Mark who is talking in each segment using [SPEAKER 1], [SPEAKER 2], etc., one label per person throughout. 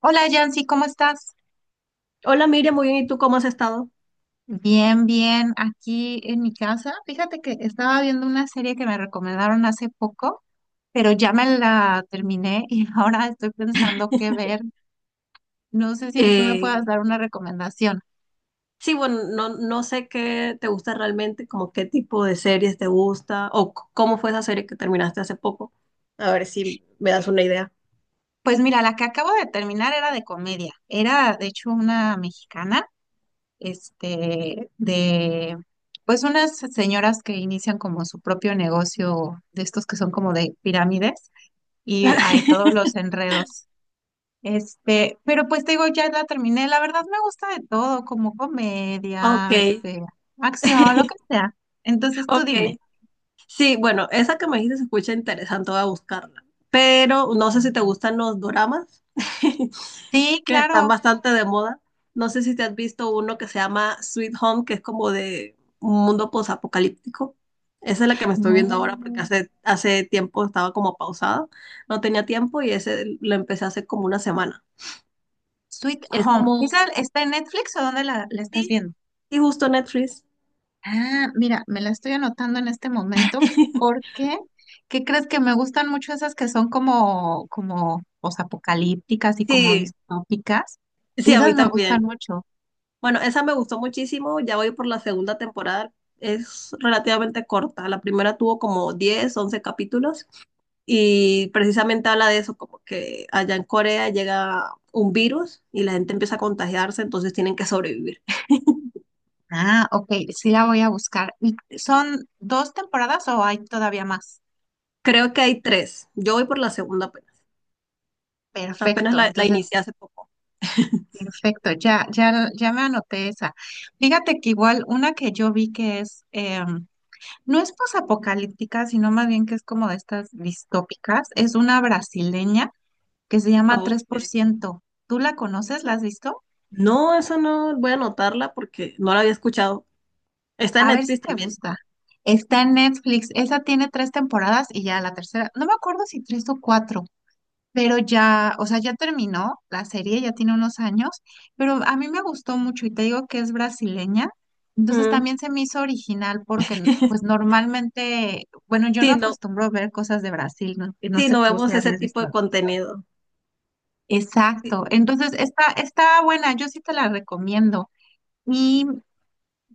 [SPEAKER 1] Hola Yancy, ¿cómo estás?
[SPEAKER 2] Hola Miriam, muy bien. ¿Y tú cómo has estado?
[SPEAKER 1] Bien, bien, aquí en mi casa. Fíjate que estaba viendo una serie que me recomendaron hace poco, pero ya me la terminé y ahora estoy pensando qué ver. No sé si tú me
[SPEAKER 2] Eh,
[SPEAKER 1] puedas dar una recomendación.
[SPEAKER 2] sí, bueno, no, no sé qué te gusta realmente, como qué tipo de series te gusta o cómo fue esa serie que terminaste hace poco. A ver si me das una idea.
[SPEAKER 1] Pues mira, la que acabo de terminar era de comedia. Era de hecho una mexicana, este, de pues unas señoras que inician como su propio negocio de estos que son como de pirámides y hay todos los enredos. Este, pero pues te digo, ya la terminé. La verdad me gusta de todo, como
[SPEAKER 2] Ok,
[SPEAKER 1] comedia, este, acción, lo que sea. Entonces tú
[SPEAKER 2] ok.
[SPEAKER 1] dime.
[SPEAKER 2] Sí, bueno, esa que me dijiste se escucha interesante, voy a buscarla. Pero no sé si te gustan los doramas.
[SPEAKER 1] Sí,
[SPEAKER 2] Están
[SPEAKER 1] claro.
[SPEAKER 2] bastante de moda. No sé si te has visto uno que se llama Sweet Home, que es como de un mundo posapocalíptico. Esa es la que me estoy viendo ahora porque
[SPEAKER 1] No.
[SPEAKER 2] hace tiempo estaba como pausada, no tenía tiempo y ese lo empecé hace como una semana.
[SPEAKER 1] Sweet
[SPEAKER 2] Es
[SPEAKER 1] Home. ¿Esa
[SPEAKER 2] como,
[SPEAKER 1] está en Netflix o dónde la estás
[SPEAKER 2] sí,
[SPEAKER 1] viendo?
[SPEAKER 2] sí, justo Netflix.
[SPEAKER 1] Ah, mira, me la estoy anotando en este momento porque, ¿qué crees que me gustan mucho esas que son como, como, posapocalípticas y como
[SPEAKER 2] Sí,
[SPEAKER 1] distópicas?
[SPEAKER 2] sí, a
[SPEAKER 1] Esas
[SPEAKER 2] mí
[SPEAKER 1] me gustan
[SPEAKER 2] también.
[SPEAKER 1] mucho.
[SPEAKER 2] Bueno, esa me gustó muchísimo, ya voy por la segunda temporada, es relativamente corta, la primera tuvo como 10 11 capítulos. Y precisamente habla de eso, como que allá en Corea llega un virus y la gente empieza a contagiarse, entonces tienen que sobrevivir.
[SPEAKER 1] Ah, ok, sí la voy a buscar. ¿Y son dos temporadas o hay todavía más?
[SPEAKER 2] Creo que hay tres. Yo voy por la segunda apenas. Apenas
[SPEAKER 1] Perfecto,
[SPEAKER 2] la
[SPEAKER 1] entonces,
[SPEAKER 2] inicié hace poco.
[SPEAKER 1] perfecto, ya, ya, ya me anoté esa. Fíjate que igual una que yo vi que es, no es posapocalíptica, sino más bien que es como de estas distópicas, es una brasileña que se llama Tres por
[SPEAKER 2] Ok.
[SPEAKER 1] ciento. ¿Tú la conoces? ¿La has visto?
[SPEAKER 2] No, esa no, voy a anotarla porque no la había escuchado. Está en
[SPEAKER 1] A ver si
[SPEAKER 2] Netflix
[SPEAKER 1] me
[SPEAKER 2] también.
[SPEAKER 1] gusta. Está en Netflix, esa tiene tres temporadas y ya la tercera, no me acuerdo si tres o cuatro pero ya, o sea, ya terminó la serie, ya tiene unos años, pero a mí me gustó mucho y te digo que es brasileña, entonces
[SPEAKER 2] Mm.
[SPEAKER 1] también se me hizo original porque pues normalmente, bueno, yo no
[SPEAKER 2] Sí, no,
[SPEAKER 1] acostumbro ver cosas de Brasil, no, y no
[SPEAKER 2] sí,
[SPEAKER 1] sé
[SPEAKER 2] no
[SPEAKER 1] tú si
[SPEAKER 2] vemos
[SPEAKER 1] la
[SPEAKER 2] ese
[SPEAKER 1] has
[SPEAKER 2] tipo
[SPEAKER 1] visto.
[SPEAKER 2] de contenido. Sí.
[SPEAKER 1] Exacto, entonces está, está buena, yo sí te la recomiendo. Y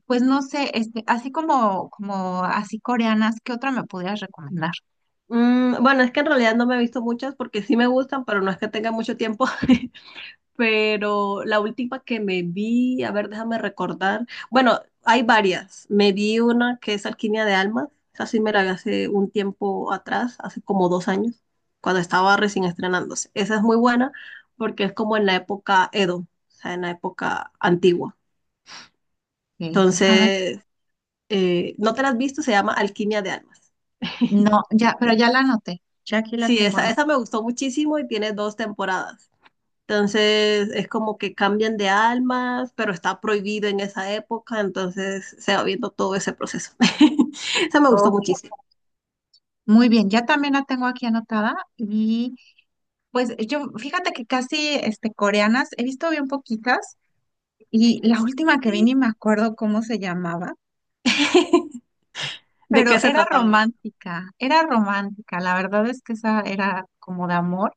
[SPEAKER 1] pues no sé, este, así como, como así coreanas, ¿qué otra me podrías recomendar?
[SPEAKER 2] Mm, bueno, es que en realidad no me he visto muchas porque sí me gustan, pero no es que tenga mucho tiempo. Pero la última que me vi, a ver, déjame recordar. Bueno, hay varias. Me vi una que es Alquimia de Almas. Esa sí me la vi hace un tiempo atrás, hace como 2 años, cuando estaba recién estrenándose. Esa es muy buena porque es como en la época Edo, o sea, en la época antigua.
[SPEAKER 1] Eh, déjame,
[SPEAKER 2] Entonces, ¿no te la has visto? Se llama Alquimia de Almas.
[SPEAKER 1] no, ya, pero ya la anoté, ya aquí la
[SPEAKER 2] Sí,
[SPEAKER 1] tengo anotada.
[SPEAKER 2] esa me gustó muchísimo y tiene 2 temporadas. Entonces es como que cambian de almas, pero está prohibido en esa época, entonces se va viendo todo ese proceso. Eso me gustó muchísimo.
[SPEAKER 1] Muy bien, ya también la tengo aquí anotada y pues yo, fíjate que casi este, coreanas, he visto bien poquitas y la última que vi
[SPEAKER 2] Sí.
[SPEAKER 1] ni me acuerdo cómo se llamaba,
[SPEAKER 2] ¿De qué
[SPEAKER 1] pero
[SPEAKER 2] se trataba?
[SPEAKER 1] era romántica, la verdad es que esa era como de amor,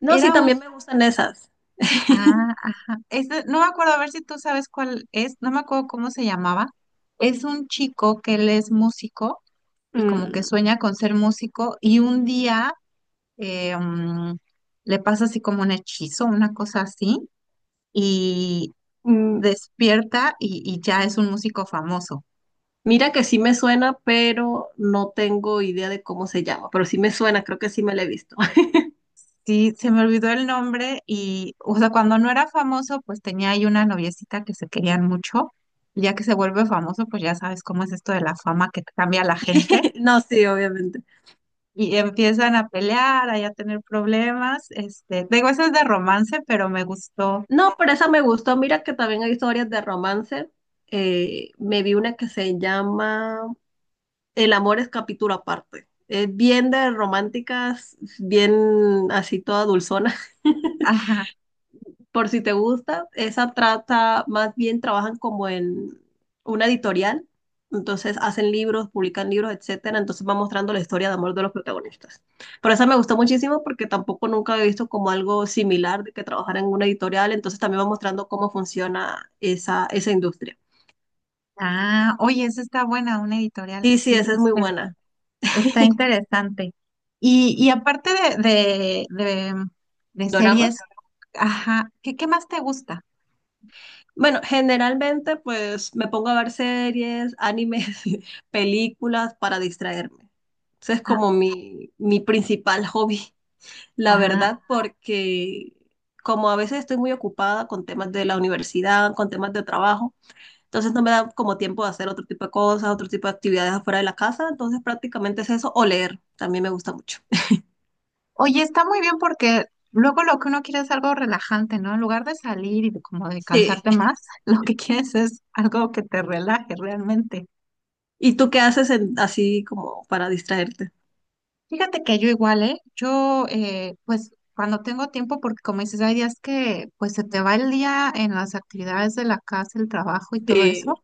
[SPEAKER 2] No, sí,
[SPEAKER 1] era un,
[SPEAKER 2] también me gustan esas.
[SPEAKER 1] ah, ajá, no me acuerdo, a ver si tú sabes cuál es, no me acuerdo cómo se llamaba, es un chico que él es músico y como que
[SPEAKER 2] Mm,
[SPEAKER 1] sueña con ser músico y un día eh, mm, le pasa así como un hechizo, una cosa así, y
[SPEAKER 2] mm,
[SPEAKER 1] despierta y ya es un músico famoso.
[SPEAKER 2] mira que sí me suena, pero no tengo idea de cómo se llama, pero sí me suena, creo que sí me la he visto.
[SPEAKER 1] Sí, se me olvidó el nombre y, o sea, cuando no era famoso, pues tenía ahí una noviecita que se querían mucho, y ya que se vuelve famoso, pues ya sabes cómo es esto de la fama que cambia a la gente.
[SPEAKER 2] No, sí, obviamente.
[SPEAKER 1] Y empiezan a pelear, ahí a tener problemas. Este, digo, eso es de romance, pero me gustó.
[SPEAKER 2] No, pero esa me gustó. Mira que también hay historias de romance. Me vi una que se llama El amor es capítulo aparte. Es bien de románticas, bien así toda dulzona.
[SPEAKER 1] Ajá.
[SPEAKER 2] Por si te gusta, esa trata, más bien trabajan como en una editorial. Entonces hacen libros, publican libros, etcétera. Entonces va mostrando la historia de amor de los protagonistas. Pero esa me gustó muchísimo porque tampoco nunca había visto como algo similar de que trabajara en una editorial. Entonces también va mostrando cómo funciona esa industria.
[SPEAKER 1] Ah, oye, esa está buena, una editorial.
[SPEAKER 2] Y sí,
[SPEAKER 1] Sí,
[SPEAKER 2] esa es muy buena.
[SPEAKER 1] está interesante. Y aparte de, de, de, de
[SPEAKER 2] ¿Doramas?
[SPEAKER 1] series, ajá, ¿qué más te gusta?
[SPEAKER 2] Bueno, generalmente pues me pongo a ver series, animes, películas para distraerme. Ese es
[SPEAKER 1] Ah,
[SPEAKER 2] como mi principal hobby, la
[SPEAKER 1] ah,
[SPEAKER 2] verdad, porque como a veces estoy muy ocupada con temas de la universidad, con temas de trabajo, entonces no me da como tiempo de hacer otro tipo de cosas, otro tipo de actividades afuera de la casa, entonces prácticamente es eso, o leer, también me gusta mucho.
[SPEAKER 1] oye, está muy bien porque luego lo que uno quiere es algo relajante, ¿no? En lugar de salir como de
[SPEAKER 2] Sí.
[SPEAKER 1] cansarte más, lo que quieres es algo que te relaje realmente.
[SPEAKER 2] ¿Y tú qué haces así como para distraerte?
[SPEAKER 1] Fíjate que yo igual, ¿eh? Yo, pues, cuando tengo tiempo, porque como dices, hay días que, pues, se te va el día en las actividades de la casa, el trabajo y todo eso.
[SPEAKER 2] Sí.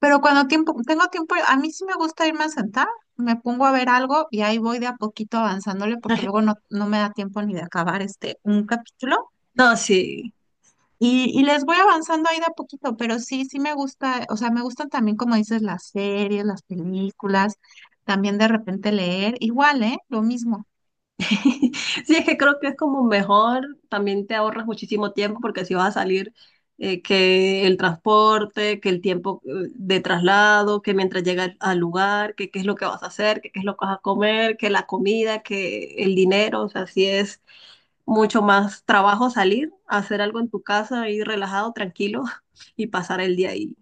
[SPEAKER 1] Pero cuando tengo tiempo, a mí sí me gusta irme a sentar, me pongo a ver algo y ahí voy de a poquito avanzándole porque luego no me da tiempo ni de acabar este un capítulo.
[SPEAKER 2] No, sí.
[SPEAKER 1] Y les voy avanzando ahí de a poquito, pero sí, sí me gusta, o sea, me gustan también, como dices, las series, las películas, también de repente leer, igual, ¿eh? Lo mismo.
[SPEAKER 2] Sí, es que creo que es como mejor, también te ahorras muchísimo tiempo porque si vas a salir, que el transporte, que el tiempo de traslado, que mientras llegas al lugar, que qué es lo que vas a hacer, que qué es lo que vas a comer, que la comida, que el dinero, o sea, sí es mucho más trabajo salir, hacer algo en tu casa, ir relajado, tranquilo y pasar el día ahí.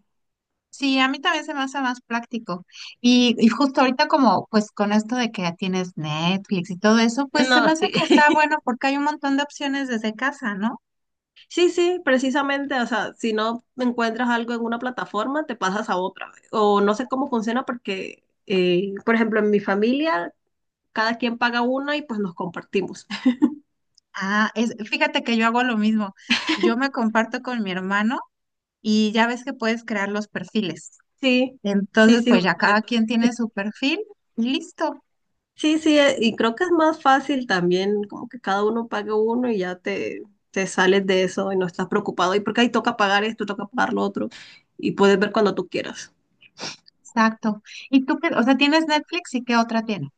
[SPEAKER 1] Sí, a mí también se me hace más práctico. Y justo ahorita como pues con esto de que ya tienes Netflix y todo eso, pues se me
[SPEAKER 2] No,
[SPEAKER 1] hace que
[SPEAKER 2] sí.
[SPEAKER 1] está bueno porque hay un montón de opciones desde casa, ¿no?
[SPEAKER 2] Sí, sí, precisamente, o sea, si no encuentras algo en una plataforma, te pasas a otra. O no sé cómo funciona porque, por ejemplo, en mi familia, cada quien paga una y pues nos compartimos.
[SPEAKER 1] Ah, es, fíjate que yo hago lo mismo. Yo me comparto con mi hermano y ya ves que puedes crear los perfiles.
[SPEAKER 2] Sí, sí,
[SPEAKER 1] Entonces,
[SPEAKER 2] sí,
[SPEAKER 1] pues ya
[SPEAKER 2] justo eso.
[SPEAKER 1] cada quien tiene su perfil y listo.
[SPEAKER 2] Sí, sí, y creo que es más fácil también, como que cada uno pague uno y ya te sales de eso y no estás preocupado. Y porque ahí toca pagar esto, toca pagar lo otro y puedes ver cuando tú quieras.
[SPEAKER 1] Exacto. ¿Y tú qué? O sea, ¿tienes Netflix y qué otra tienes?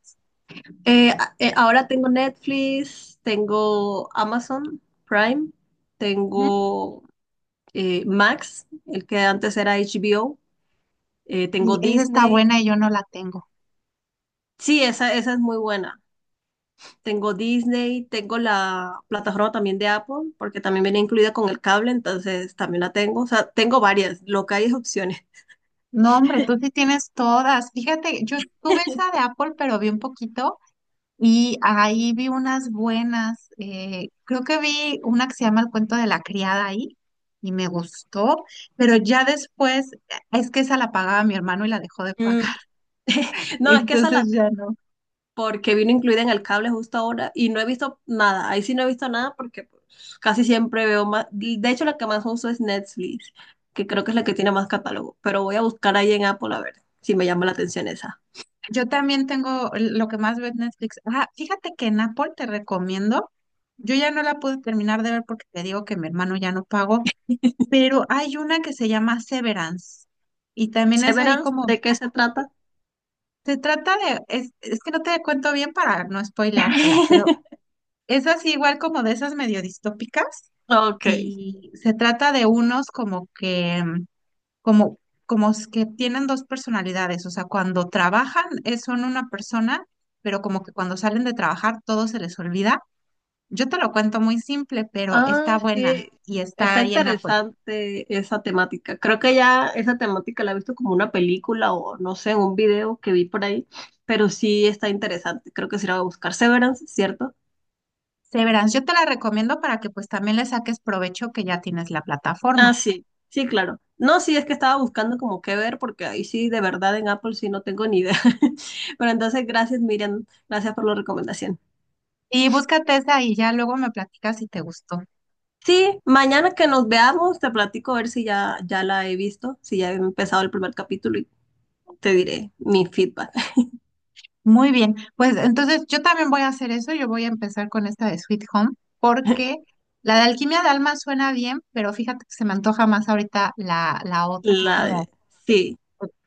[SPEAKER 2] Ahora tengo Netflix, tengo Amazon Prime,
[SPEAKER 1] Ujú.
[SPEAKER 2] tengo Max, el que antes era HBO, tengo
[SPEAKER 1] Y esa está
[SPEAKER 2] Disney.
[SPEAKER 1] buena y yo no la tengo.
[SPEAKER 2] Sí, esa es muy buena. Tengo Disney, tengo la plataforma también de Apple, porque también viene incluida con el cable, entonces también la tengo. O sea, tengo varias, lo que hay es opciones.
[SPEAKER 1] No, hombre, tú sí tienes todas. Fíjate, yo tuve esa de Apple, pero vi un poquito. Y ahí vi unas buenas, creo que vi una que se llama El cuento de la criada ahí y me gustó, pero ya después es que esa la pagaba mi hermano y la dejó de pagar,
[SPEAKER 2] Mm. No, es que esa la
[SPEAKER 1] entonces
[SPEAKER 2] tengo
[SPEAKER 1] ya no.
[SPEAKER 2] porque vino incluida en el cable justo ahora y no he visto nada. Ahí sí no he visto nada porque pues, casi siempre veo más. De hecho, la que más uso es Netflix, que creo que es la que tiene más catálogo, pero voy a buscar ahí en Apple a ver si me llama la atención esa.
[SPEAKER 1] Yo también tengo lo que más ve en Netflix. Ah, fíjate que en Apple te recomiendo, yo ya no la pude terminar de ver porque te digo que mi hermano ya no pagó, pero hay una que se llama Severance y también es ahí
[SPEAKER 2] Severance,
[SPEAKER 1] como...
[SPEAKER 2] ¿de qué se trata?
[SPEAKER 1] Se trata de, es que no te cuento bien para no spoileártela, pero es así igual como de esas medio distópicas
[SPEAKER 2] Ok.
[SPEAKER 1] y se trata de unos como que, como, como que tienen dos personalidades, o sea, cuando trabajan son una persona, pero como que cuando salen de trabajar todo se les olvida. Yo te lo cuento muy simple, pero
[SPEAKER 2] Ah,
[SPEAKER 1] está buena
[SPEAKER 2] sí.
[SPEAKER 1] y está
[SPEAKER 2] Está
[SPEAKER 1] ahí en Apple.
[SPEAKER 2] interesante esa temática. Creo que ya esa temática la he visto como una película o no sé, un video que vi por ahí, pero sí está interesante. Creo que sí la voy a buscar. Severance, ¿cierto?
[SPEAKER 1] Severance, yo te la recomiendo para que pues también le saques provecho que ya tienes la plataforma.
[SPEAKER 2] Ah, sí, sí, claro. No, sí, es que estaba buscando como qué ver, porque ahí sí, de verdad, en Apple sí no tengo ni idea. Pero entonces, gracias, Miriam, gracias por la recomendación.
[SPEAKER 1] Y búscate esa y ya luego me platicas si te gustó.
[SPEAKER 2] Sí, mañana que nos veamos, te platico a ver si ya, ya la he visto, si ya he empezado el primer capítulo y te diré mi feedback.
[SPEAKER 1] Muy bien, pues entonces yo también voy a hacer eso, yo voy a empezar con esta de Sweet Home, porque la de Alquimia de Alma suena bien, pero fíjate que se me antoja más ahorita la otra, que es
[SPEAKER 2] La
[SPEAKER 1] como
[SPEAKER 2] Sí,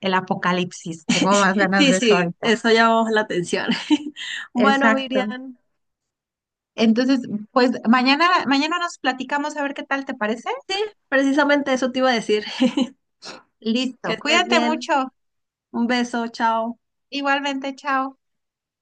[SPEAKER 1] el apocalipsis, tengo más ganas
[SPEAKER 2] sí,
[SPEAKER 1] de eso
[SPEAKER 2] sí,
[SPEAKER 1] ahorita.
[SPEAKER 2] eso llamó la atención. Bueno,
[SPEAKER 1] Exacto.
[SPEAKER 2] Miriam,
[SPEAKER 1] Entonces, pues mañana, mañana nos platicamos a ver qué tal te parece.
[SPEAKER 2] precisamente eso te iba a decir. Que
[SPEAKER 1] Listo,
[SPEAKER 2] estés
[SPEAKER 1] cuídate
[SPEAKER 2] bien.
[SPEAKER 1] mucho,
[SPEAKER 2] Un beso, chao.
[SPEAKER 1] igualmente, chao.